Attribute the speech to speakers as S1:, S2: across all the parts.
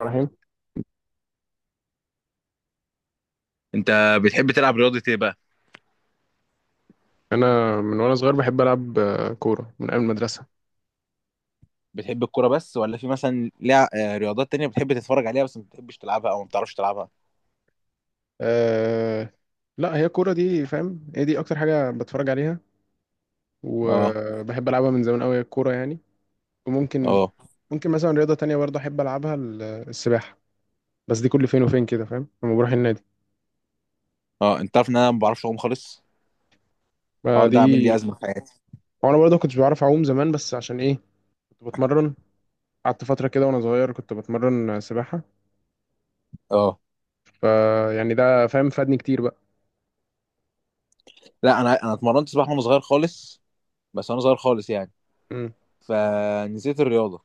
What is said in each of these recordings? S1: ابراهيم.
S2: انت بتحب تلعب رياضة ايه بقى؟
S1: انا من وانا صغير بحب العب كوره من ايام المدرسه.
S2: بتحب الكرة بس ولا في مثلا لع... آه، رياضات تانية بتحب تتفرج عليها بس ما بتحبش تلعبها او ما بتعرفش تلعبها؟
S1: أه. لا هي الكوره دي فاهم هي دي اكتر حاجه بتفرج عليها،
S2: اه
S1: وبحب العبها من زمان قوي الكوره يعني. وممكن
S2: اه
S1: ممكن مثلا رياضه تانية برضه احب العبها السباحه، بس دي كل فين وفين كده فاهم لما بروح النادي.
S2: اه، انت عارف ان انا ما بعرفش اعوم خالص؟
S1: ما
S2: الحوار ده عامل لي
S1: دي.
S2: ازمة في حياتي.
S1: وانا برضه كنتش بعرف اعوم زمان بس عشان ايه، كنت بتمرن، قعدت فتره كده وانا صغير كنت بتمرن سباحه،
S2: اه،
S1: فيعني ده فاهم فادني كتير بقى.
S2: لا انا اتمرنت سباحة وانا صغير خالص، بس وانا صغير خالص يعني.
S1: مم.
S2: فنسيت الرياضة،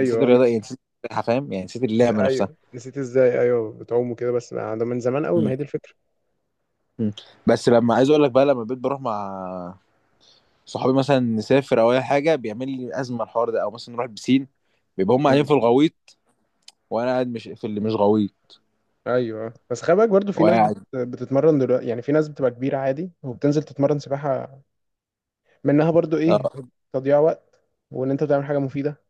S2: نسيت الرياضة، ايه، نسيت السباحة، فاهم؟ يعني نسيت
S1: بس
S2: اللعبة نفسها.
S1: ايوه نسيت ازاي ايوه بتعوم وكده بس ما ده من زمان قوي ما
S2: مم.
S1: هي دي الفكره.
S2: مم. بس لما عايز اقول لك بقى، لما بقيت بروح مع صحابي مثلا نسافر او اي حاجة بيعمل لي ازمة الحوار ده، او مثلا نروح البسين بيبقى هم قاعدين
S1: مم.
S2: في الغويط، وانا قاعد مش في اللي مش غويط،
S1: ايوه بس خلي بالك برضه في ناس
S2: وقاعد.
S1: بتتمرن دلوقتي، يعني في ناس بتبقى كبيره عادي وبتنزل تتمرن سباحه، منها برضه ايه،
S2: اه،
S1: تضييع وقت وان انت بتعمل حاجه مفيده،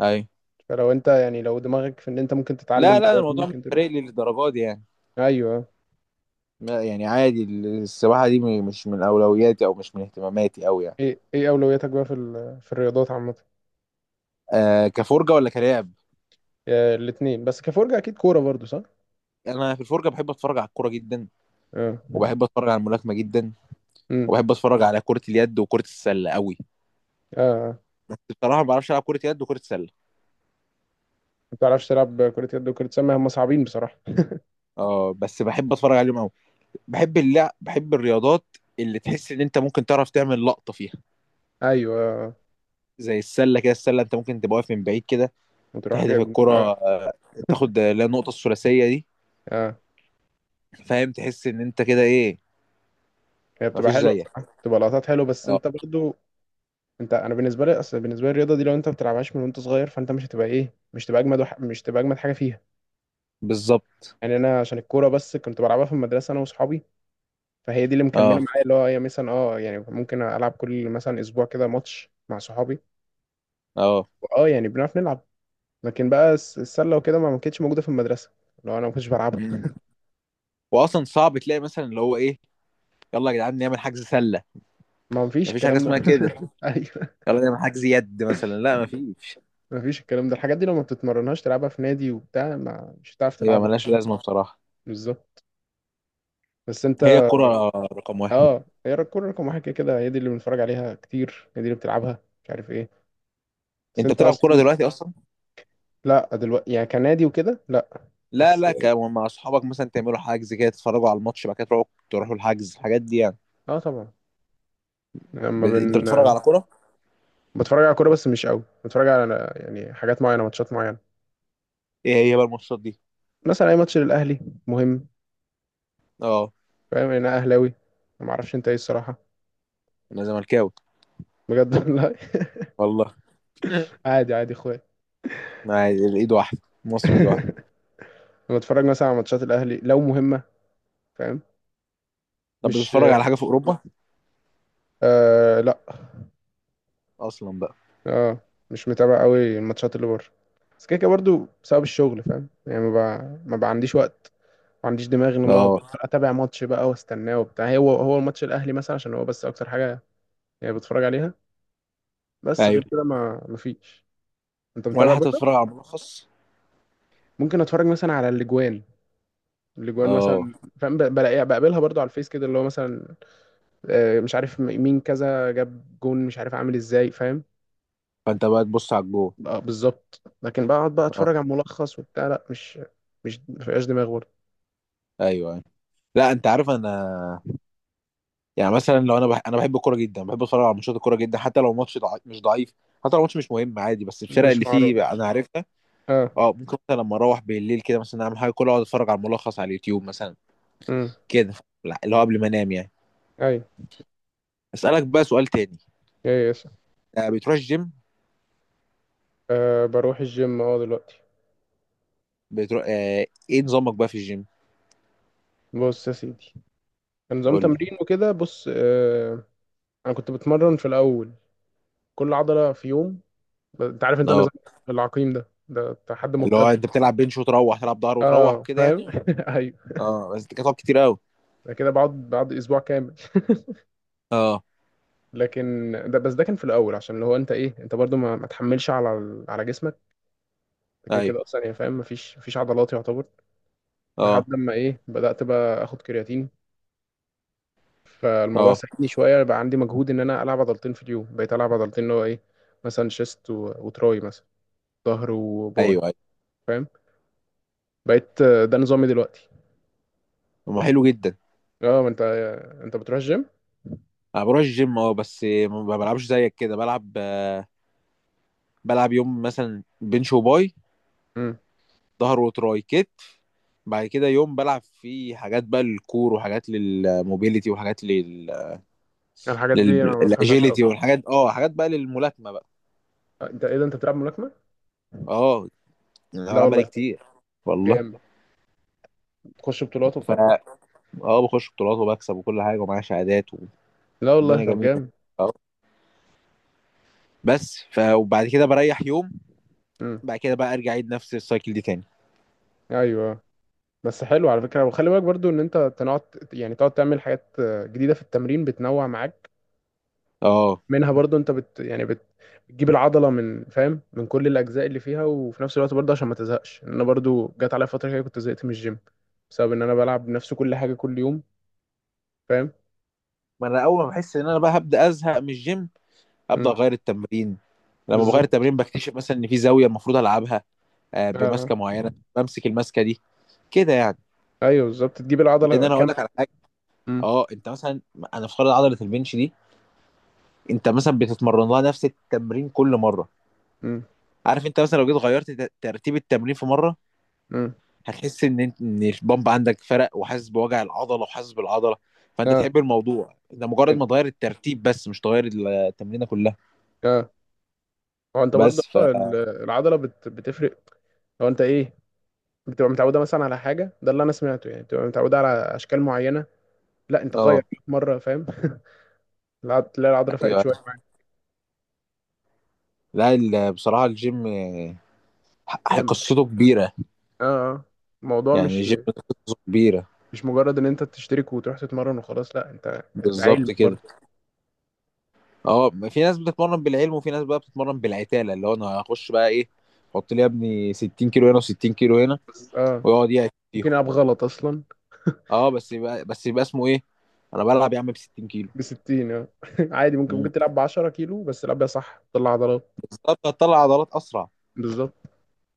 S2: اي.
S1: فلو انت يعني لو دماغك في ان انت ممكن تتعلم
S2: لا
S1: دلوقتي
S2: الموضوع مش
S1: ممكن تروح.
S2: فارق لي للدرجه دي يعني.
S1: ايوه.
S2: يعني عادي السباحه دي مش من اولوياتي او مش من اهتماماتي قوي يعني.
S1: ايه ايه اولوياتك بقى في الرياضات عامه؟
S2: آه، كفرجه ولا كلاعب؟
S1: آه، الاتنين بس كفرجه اكيد كوره برضه صح.
S2: انا في الفرجه بحب اتفرج على الكوره جدا،
S1: اه.
S2: وبحب اتفرج على الملاكمه جدا،
S1: امم.
S2: وبحب اتفرج على كره اليد وكره السله قوي،
S1: اه. آه.
S2: بس بصراحه ما بعرفش العب كره يد وكره سله.
S1: ما بتعرفش تلعب كره يد وكره سله، هم صعبين بصراحه.
S2: اه بس بحب اتفرج عليهم قوي. بحب اللعب، بحب الرياضات اللي تحس ان انت ممكن تعرف تعمل لقطه فيها.
S1: ايوه
S2: زي السله كده، السله انت ممكن تبقى واقف من بعيد كده
S1: وتروح
S2: تهدف
S1: جايب
S2: الكرة،
S1: اه.
S2: تاخد لا، النقطة الثلاثية دي.
S1: اه
S2: فاهم؟ تحس ان انت كده ايه،
S1: هي بتبقى
S2: مفيش
S1: حلوه
S2: زيك.
S1: بصراحه بتبقى لقطات حلوه بس
S2: اه
S1: انت برضو. انا بالنسبه لي اصل بالنسبه لي الرياضه دي لو انت ما بتلعبهاش من وانت صغير فانت مش هتبقى ايه، مش تبقى اجمد مش تبقى اجمد حاجه فيها.
S2: بالظبط.
S1: يعني انا عشان الكوره بس كنت بلعبها في المدرسه انا واصحابي، فهي دي اللي مكمله
S2: اه
S1: معايا اللي هو هي مثلا اه يعني ممكن العب كل مثلا اسبوع كده ماتش مع صحابي.
S2: اه.
S1: اه يعني بنعرف نلعب. لكن بقى السله وكده ما كانتش موجوده في المدرسه لو انا ما كنتش بلعبها.
S2: مم. واصلا صعب تلاقي مثلا اللي هو ايه، يلا يا جدعان نعمل حجز سلة،
S1: ما فيش
S2: مفيش حاجة
S1: الكلام ده.
S2: اسمها كده.
S1: ايوه.
S2: يلا نعمل حجز يد مثلا، لا مفيش.
S1: مفيش الكلام ده الحاجات دي لو ما بتتمرنهاش تلعبها في نادي وبتاع ما مش هتعرف
S2: يبقى
S1: تلعبها
S2: ملهاش
S1: أصلاً.
S2: لازمة بصراحة.
S1: بالظبط. بس انت.
S2: هي الكرة رقم واحد.
S1: اه هي الكورة رقم واحد كده كده، هي دي اللي بنتفرج عليها كتير، هي دي اللي بتلعبها مش عارف ايه. بس
S2: انت
S1: انت
S2: بتلعب كرة
S1: اصلا.
S2: دلوقتي اصلا؟
S1: لا دلوقتي يعني كنادي وكده لا.
S2: لا
S1: بس
S2: لا، مع اصحابك مثلا تعملوا حجز كده، تتفرجوا على الماتش، بعد كده تروحوا، تروحوا الحجز، الحاجات دي يعني.
S1: اه طبعا. لما
S2: انت
S1: بن
S2: بتتفرج على كرة؟
S1: بتفرج على كورة بس مش قوي، بتفرج على يعني حاجات معينة ماتشات معينة.
S2: ايه هي بقى الماتشات دي؟
S1: مثلا اي ماتش للاهلي مهم،
S2: اه
S1: فاهم، انا اهلاوي، ما اعرفش انت ايه الصراحة.
S2: انا زملكاوي
S1: بجد والله.
S2: والله.
S1: عادي عادي اخويا.
S2: عادي، الايد واحده، مصر ايد واحده.
S1: لما اتفرج مثلا على ماتشات الاهلي لو مهمة، فاهم.
S2: طب
S1: مش.
S2: بتتفرج على حاجه في اوروبا
S1: آه لا.
S2: اصلا بقى؟
S1: اه مش متابع قوي الماتشات اللي بره، بس كده كده برضو بسبب الشغل فاهم يعني ما بقى ما بقى عنديش وقت، ما عنديش دماغ ان انا اقعد
S2: اه
S1: اتابع ماتش بقى واستناه وبتاع، هو الماتش الاهلي مثلا عشان هو بس اكتر حاجه يعني بتفرج عليها. بس غير
S2: ايوه.
S1: كده ما فيش. انت
S2: ولا
S1: متابع
S2: حتى
S1: بقى.
S2: بتتفرج على ملخص؟
S1: ممكن اتفرج مثلا على الاجوان، الاجوان
S2: اه،
S1: مثلا فاهم بلاقيها بقابلها برضو على الفيس كده اللي هو مثلا آه، مش عارف م- مين كذا جاب جون مش عارف عامل ازاي فاهم.
S2: فانت بقى تبص على الجول.
S1: بقى بالظبط، لكن بقعد بقى
S2: اه
S1: اتفرج على ملخص وبتاع لا مش. مش مفيهاش دماغ برضه.
S2: ايوه ايوه. لا انت عارف انا، يعني مثلا لو انا انا بحب الكوره جدا، بحب اتفرج على ماتشات الكوره جدا حتى لو ماتش مش ضعيف، حتى لو ماتش مش مهم عادي، بس الفرق
S1: مش
S2: اللي
S1: معروف.
S2: فيه بقى انا عرفتها.
S1: اه.
S2: اه ممكن مثلا لما اروح بالليل كده مثلا اعمل حاجه كلها، اقعد اتفرج على الملخص على اليوتيوب مثلا
S1: امم.
S2: كده. لا اللي هو قبل ما انام يعني.
S1: ايوه
S2: اسالك بقى سؤال تاني،
S1: ايوه يس.
S2: بتروح الجيم؟
S1: آه بروح الجيم اه دلوقتي.
S2: بتروح، ايه نظامك بقى في الجيم؟
S1: بص يا سيدي، نظام
S2: قول لي.
S1: تمرين وكده بص آه. انا كنت بتمرن في الاول كل عضله في يوم، انت عارف انت
S2: اه،
S1: نظام العقيم ده ده حد
S2: اللي هو
S1: مبتدئ.
S2: انت بتلعب بنش وتروح تلعب ظهر وتروح
S1: اه
S2: وكده
S1: فاهم.
S2: يعني.
S1: ايوه
S2: اه بس دي كانت كتير قوي.
S1: أنا كده بقعد اسبوع كامل.
S2: اه
S1: لكن ده بس ده كان في الاول عشان اللي هو انت ايه انت برضو ما تحملش على على جسمك كده كده
S2: ايوه.
S1: اصلا، يعني فاهم مفيش عضلات يعتبر. لحد
S2: اه
S1: ما ايه بدات بقى اخد كرياتين، فالموضوع
S2: اه.
S1: ساعدني شويه بقى عندي مجهود ان انا العب عضلتين في اليوم، بقيت العب عضلتين اللي هو ايه، مثلا وتراي مثلا، ظهر وباي
S2: ايوه ايوه.
S1: فاهم. بقيت آه، ده نظامي دلوقتي.
S2: ما حلو جدا.
S1: اه ما انت، انت بتروح الجيم.
S2: انا بروح الجيم اه، بس ما بلعبش زيك كده، بلعب بلعب يوم مثلا بنش وباي،
S1: امم.
S2: ظهر وتراي كتف، بعد كده يوم بلعب فيه حاجات بقى للكور، وحاجات للموبيليتي، وحاجات لل،
S1: الحاجات دي انا ما بفهمهاش قوي.
S2: للاجيليتي، والحاجات، اه حاجات بقى للملاكمه بقى.
S1: انت ايه ده انت بتلعب ملاكمه؟
S2: اه انا
S1: لا
S2: بلعب بقالي
S1: والله.
S2: كتير والله.
S1: جامد. تخش بطولات
S2: ف
S1: وبتاع.
S2: اه، بخش بطولات وبكسب وكل حاجه ومعايا شهادات،
S1: لا والله
S2: الدنيا
S1: طب
S2: جميله.
S1: جامد.
S2: اه بس ف وبعد كده بريح يوم،
S1: امم.
S2: بعد كده بقى ارجع اعيد نفس السايكل دي تاني.
S1: ايوه. بس حلو على فكرة وخلي بالك برضو ان انت تقعد، يعني تقعد تعمل حاجات جديدة في التمرين بتنوع معاك،
S2: اه
S1: منها برضو انت بت يعني بت بتجيب العضلة من فاهم من كل الاجزاء اللي فيها، وفي نفس الوقت برضو عشان ما تزهقش، ان انا برضو جات عليا فترة كده كنت زهقت من الجيم بسبب ان انا بلعب نفس كل حاجة كل يوم فاهم.
S2: ما انا اول ما بحس ان انا بقى هبدا ازهق من الجيم ابدا
S1: امم.
S2: اغير التمرين. لما بغير
S1: بالظبط.
S2: التمرين بكتشف مثلا ان في زاويه المفروض العبها،
S1: آه. آه،
S2: بمسكه معينه بمسك المسكه دي كده يعني.
S1: ايوه بالظبط تجيب
S2: لان
S1: العضلة
S2: انا هقول لك
S1: كاملة.
S2: على حاجه.
S1: امم.
S2: اه انت مثلا، انا افترض عضله البنش دي، انت مثلا بتتمرن لها نفس التمرين كل مره.
S1: امم.
S2: عارف انت مثلا لو جيت غيرت ترتيب التمرين في مره،
S1: امم.
S2: هتحس ان انت ان البامب عندك فرق، وحاسس بوجع العضله وحاسس بالعضله. فانت
S1: اه.
S2: تحب الموضوع ده، مجرد ما تغير الترتيب بس مش تغير التمرينه كلها.
S1: اه هو انت برضو
S2: بس ف
S1: آه، العضلة بتفرق لو انت ايه، بتبقى متعودة مثلا على حاجة ده اللي أنا سمعته، يعني بتبقى متعودة على أشكال معينة، لا أنت غير
S2: اه
S1: مرة فاهم. تلاقي العضلة فاقت
S2: ايوه.
S1: شوية.
S2: لا بصراحه الجيم
S1: جامد.
S2: قصته كبيره.
S1: اه آه. الموضوع
S2: يعني
S1: مش،
S2: الجيم قصته كبيره.
S1: مش مجرد ان انت تشترك وتروح تتمرن وخلاص، لا انت ده علم
S2: بالظبط كده.
S1: برضه.
S2: اه في ناس بتتمرن بالعلم، وفي ناس بقى بتتمرن بالعتاله، اللي هو انا هخش بقى ايه، حط لي يا ابني 60 كيلو هنا و60 كيلو هنا،
S1: بس اه
S2: ويقعد يعت فيهم.
S1: ممكن العب غلط اصلا.
S2: اه بس يبقى اسمه ايه، انا بلعب يا عم ب 60 كيلو.
S1: ب 60 اه. عادي ممكن ممكن تلعب ب 10 كيلو بس العب بيها صح تطلع عضلات.
S2: بالظبط هتطلع عضلات اسرع.
S1: بالظبط.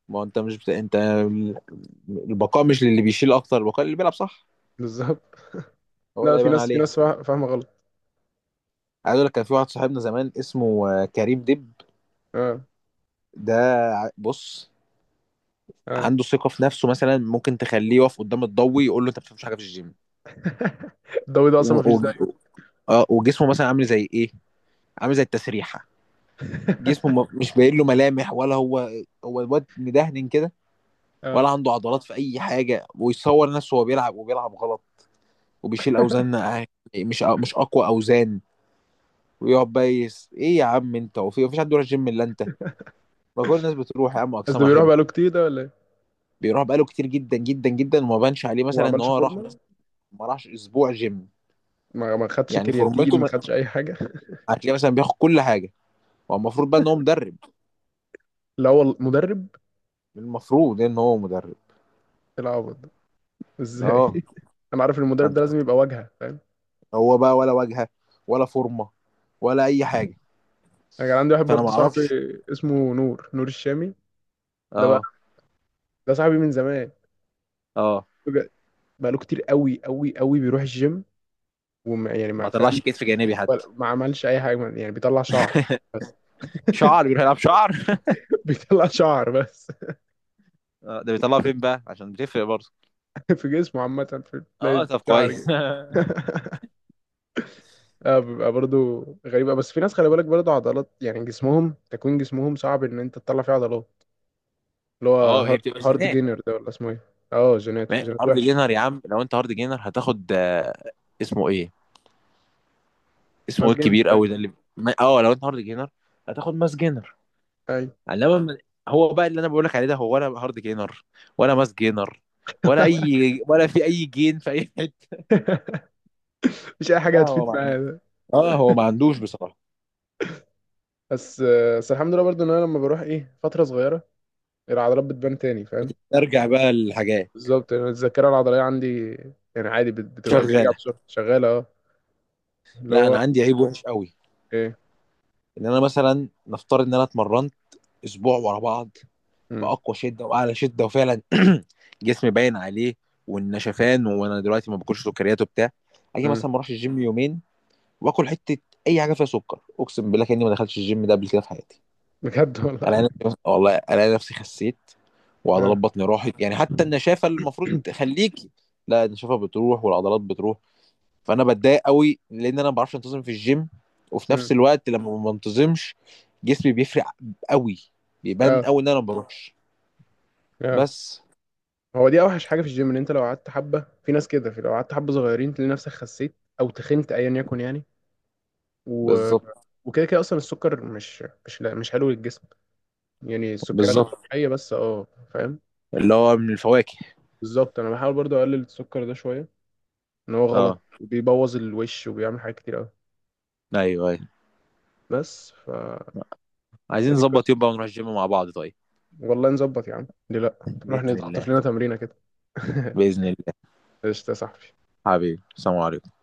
S2: ما هو انت مش بت... انت، البقاء مش للي بيشيل اكتر، البقاء اللي بيلعب صح
S1: بالظبط.
S2: هو اللي
S1: لا في
S2: هيبان
S1: ناس
S2: عليه.
S1: فاهمه غلط.
S2: عايز اقول لك، كان في واحد صاحبنا زمان اسمه كريم دب.
S1: اه.
S2: ده، بص،
S1: اه.
S2: عنده ثقه في نفسه مثلا، ممكن تخليه يقف قدام الضوي يقول له انت ما بتفهمش حاجه في الجيم.
S1: الدوري ده اصلا ما
S2: و...
S1: فيش
S2: و...
S1: زيه.
S2: آه، وجسمه مثلا عامل زي ايه، عامل زي التسريحه. جسمه مش باين له ملامح، ولا هو، هو الواد مدهن كده، ولا
S1: اه
S2: عنده عضلات في اي حاجه، ويصور نفسه وهو بيلعب، وبيلعب غلط، وبيشيل اوزان، أه- مش اقوى اوزان، ويقعد بقى يس ايه يا عم انت، وفي مفيش حد بيروح الجيم الا انت، ما كل الناس بتروح يا عم
S1: بس ده
S2: اجسامها
S1: بيروح
S2: حلو.
S1: بقاله كتير ده ولا ايه؟
S2: بيروح بقاله كتير جدا جدا جدا، وما بانش عليه
S1: وما
S2: مثلا ان
S1: عملش
S2: هو راح،
S1: فورمه
S2: بس ما راحش اسبوع جيم.
S1: ما خدش
S2: يعني
S1: كرياتين
S2: فورمته
S1: ما
S2: ما-
S1: خدش اي حاجه.
S2: هتلاقيه مثلا بياخد كل حاجه. هو المفروض بقى ان هو مدرب،
S1: لا هو مدرب،
S2: المفروض ان هو مدرب.
S1: العوض ده
S2: اه
S1: ازاي. انا عارف إن المدرب ده
S2: فانت
S1: لازم
S2: بت-
S1: يبقى واجهه فاهم.
S2: هو بقى ولا واجهه، ولا فورمه، ولا اي حاجه؟
S1: انا كان عندي واحد
S2: فانا
S1: برضه
S2: ما
S1: صاحبي
S2: اعرفش.
S1: اسمه نور الشامي، ده بقى
S2: اه
S1: ده صاحبي من زمان
S2: اه
S1: بجد. بقاله كتير قوي بيروح الجيم، وما يعني ما
S2: ما طلعش
S1: فاهم.
S2: كتف جانبي حتى.
S1: ما عملش اي حاجه يعني بيطلع شعر بس.
S2: شعر، بيروح يلعب شعر.
S1: بيطلع شعر بس.
S2: ده بيطلعوا فين بقى عشان بتفرق برضه.
S1: في جسمه عامه في
S2: اه
S1: تلاقي
S2: طب
S1: شعر
S2: كويس.
S1: كده. اه بيبقى برضه غريبة، بس في ناس خلي بالك برضه عضلات يعني جسمهم تكوين جسمهم صعب ان انت تطلع فيه عضلات، اللي هو
S2: اه هي
S1: هارد
S2: بتبقى
S1: هارد
S2: جينات.
S1: جينر ده ولا اسمه ايه. اه جينات، جينات
S2: هارد
S1: وحش.
S2: جينر يا عم، لو انت هارد جينر هتاخد، اسمه ايه، اسمه
S1: ماس
S2: ايه
S1: جينر
S2: الكبير
S1: باين.
S2: قوي ده اللي، اه لو انت هارد جينر هتاخد ماس جينر.
S1: ايوه.
S2: انما م- هو بقى اللي انا بقول لك عليه ده، هو ولا هارد جينر ولا ماس جينر، ولا اي، ولا في اي جين في اي حته.
S1: مش اي
S2: لا
S1: حاجه
S2: هو
S1: هتفيد
S2: ما
S1: معايا
S2: عن-
S1: ده.
S2: اه هو ما عندوش بصراحه.
S1: بس، بس الحمد لله برضو ان انا لما بروح ايه فتره صغيره العضلات بتبان تاني فاهم.
S2: بتسترجع بقى الحاجات،
S1: بالظبط يعني الذاكره العضليه عندي، يعني عادي بتبقى بترجع
S2: شغاله.
S1: بسرعه شغاله اه. اللي
S2: لا
S1: هو
S2: انا عندي عيب وحش قوي،
S1: ايه.
S2: ان انا مثلا نفترض ان انا اتمرنت اسبوع ورا بعض،
S1: مم.
S2: باقوى شده واعلى شده، وفعلا جسمي باين عليه والنشفان، وانا دلوقتي ما باكلش سكريات وبتاع، اجي
S1: مم.
S2: مثلا ما اروحش الجيم يومين واكل حته، اي حاجه فيها سكر، اقسم بالله كاني ما دخلتش الجيم ده قبل كده في حياتي.
S1: بجد
S2: انا
S1: والله.
S2: نفسي والله، انا نفسي خسيت وعضلات
S1: اه.
S2: بطني راحت، يعني حتى النشافه اللي المفروض تخليكي، لا النشافه بتروح والعضلات بتروح. فانا بتضايق قوي لان انا ما بعرفش انتظم في الجيم، وفي
S1: مم.
S2: نفس الوقت لما ما بنتظمش جسمي بيفرق قوي، بيبان
S1: اه.
S2: قوي ان انا ما بروحش.
S1: اه
S2: بس
S1: هو دي اوحش حاجه في الجيم ان انت لو قعدت حبه، في ناس كده في لو قعدت حبه صغيرين تلاقي نفسك خسيت او تخنت ايا يكن يعني. و...
S2: بالظبط.
S1: وكده كده اصلا السكر مش، لا مش حلو للجسم، يعني السكريات
S2: بالظبط،
S1: الطبيعيه بس اه، فاهم.
S2: اللي هو من الفواكه.
S1: بالظبط انا بحاول برضو اقلل السكر ده شويه، ان هو غلط
S2: اه
S1: بيبوظ الوش وبيعمل حاجات كتير قوي.
S2: ايوه ايوه.
S1: بس فدي
S2: عايزين نظبط
S1: القصه.
S2: يوم بقى ونروح الجيم مع بعض طيب؟
S1: والله نظبط يا عم ليه لا، نروح
S2: بإذن
S1: نخطف
S2: الله.
S1: لنا تمرينه كده.
S2: بإذن الله.
S1: قشطه يا صاحبي.
S2: حبيبي السلام عليكم.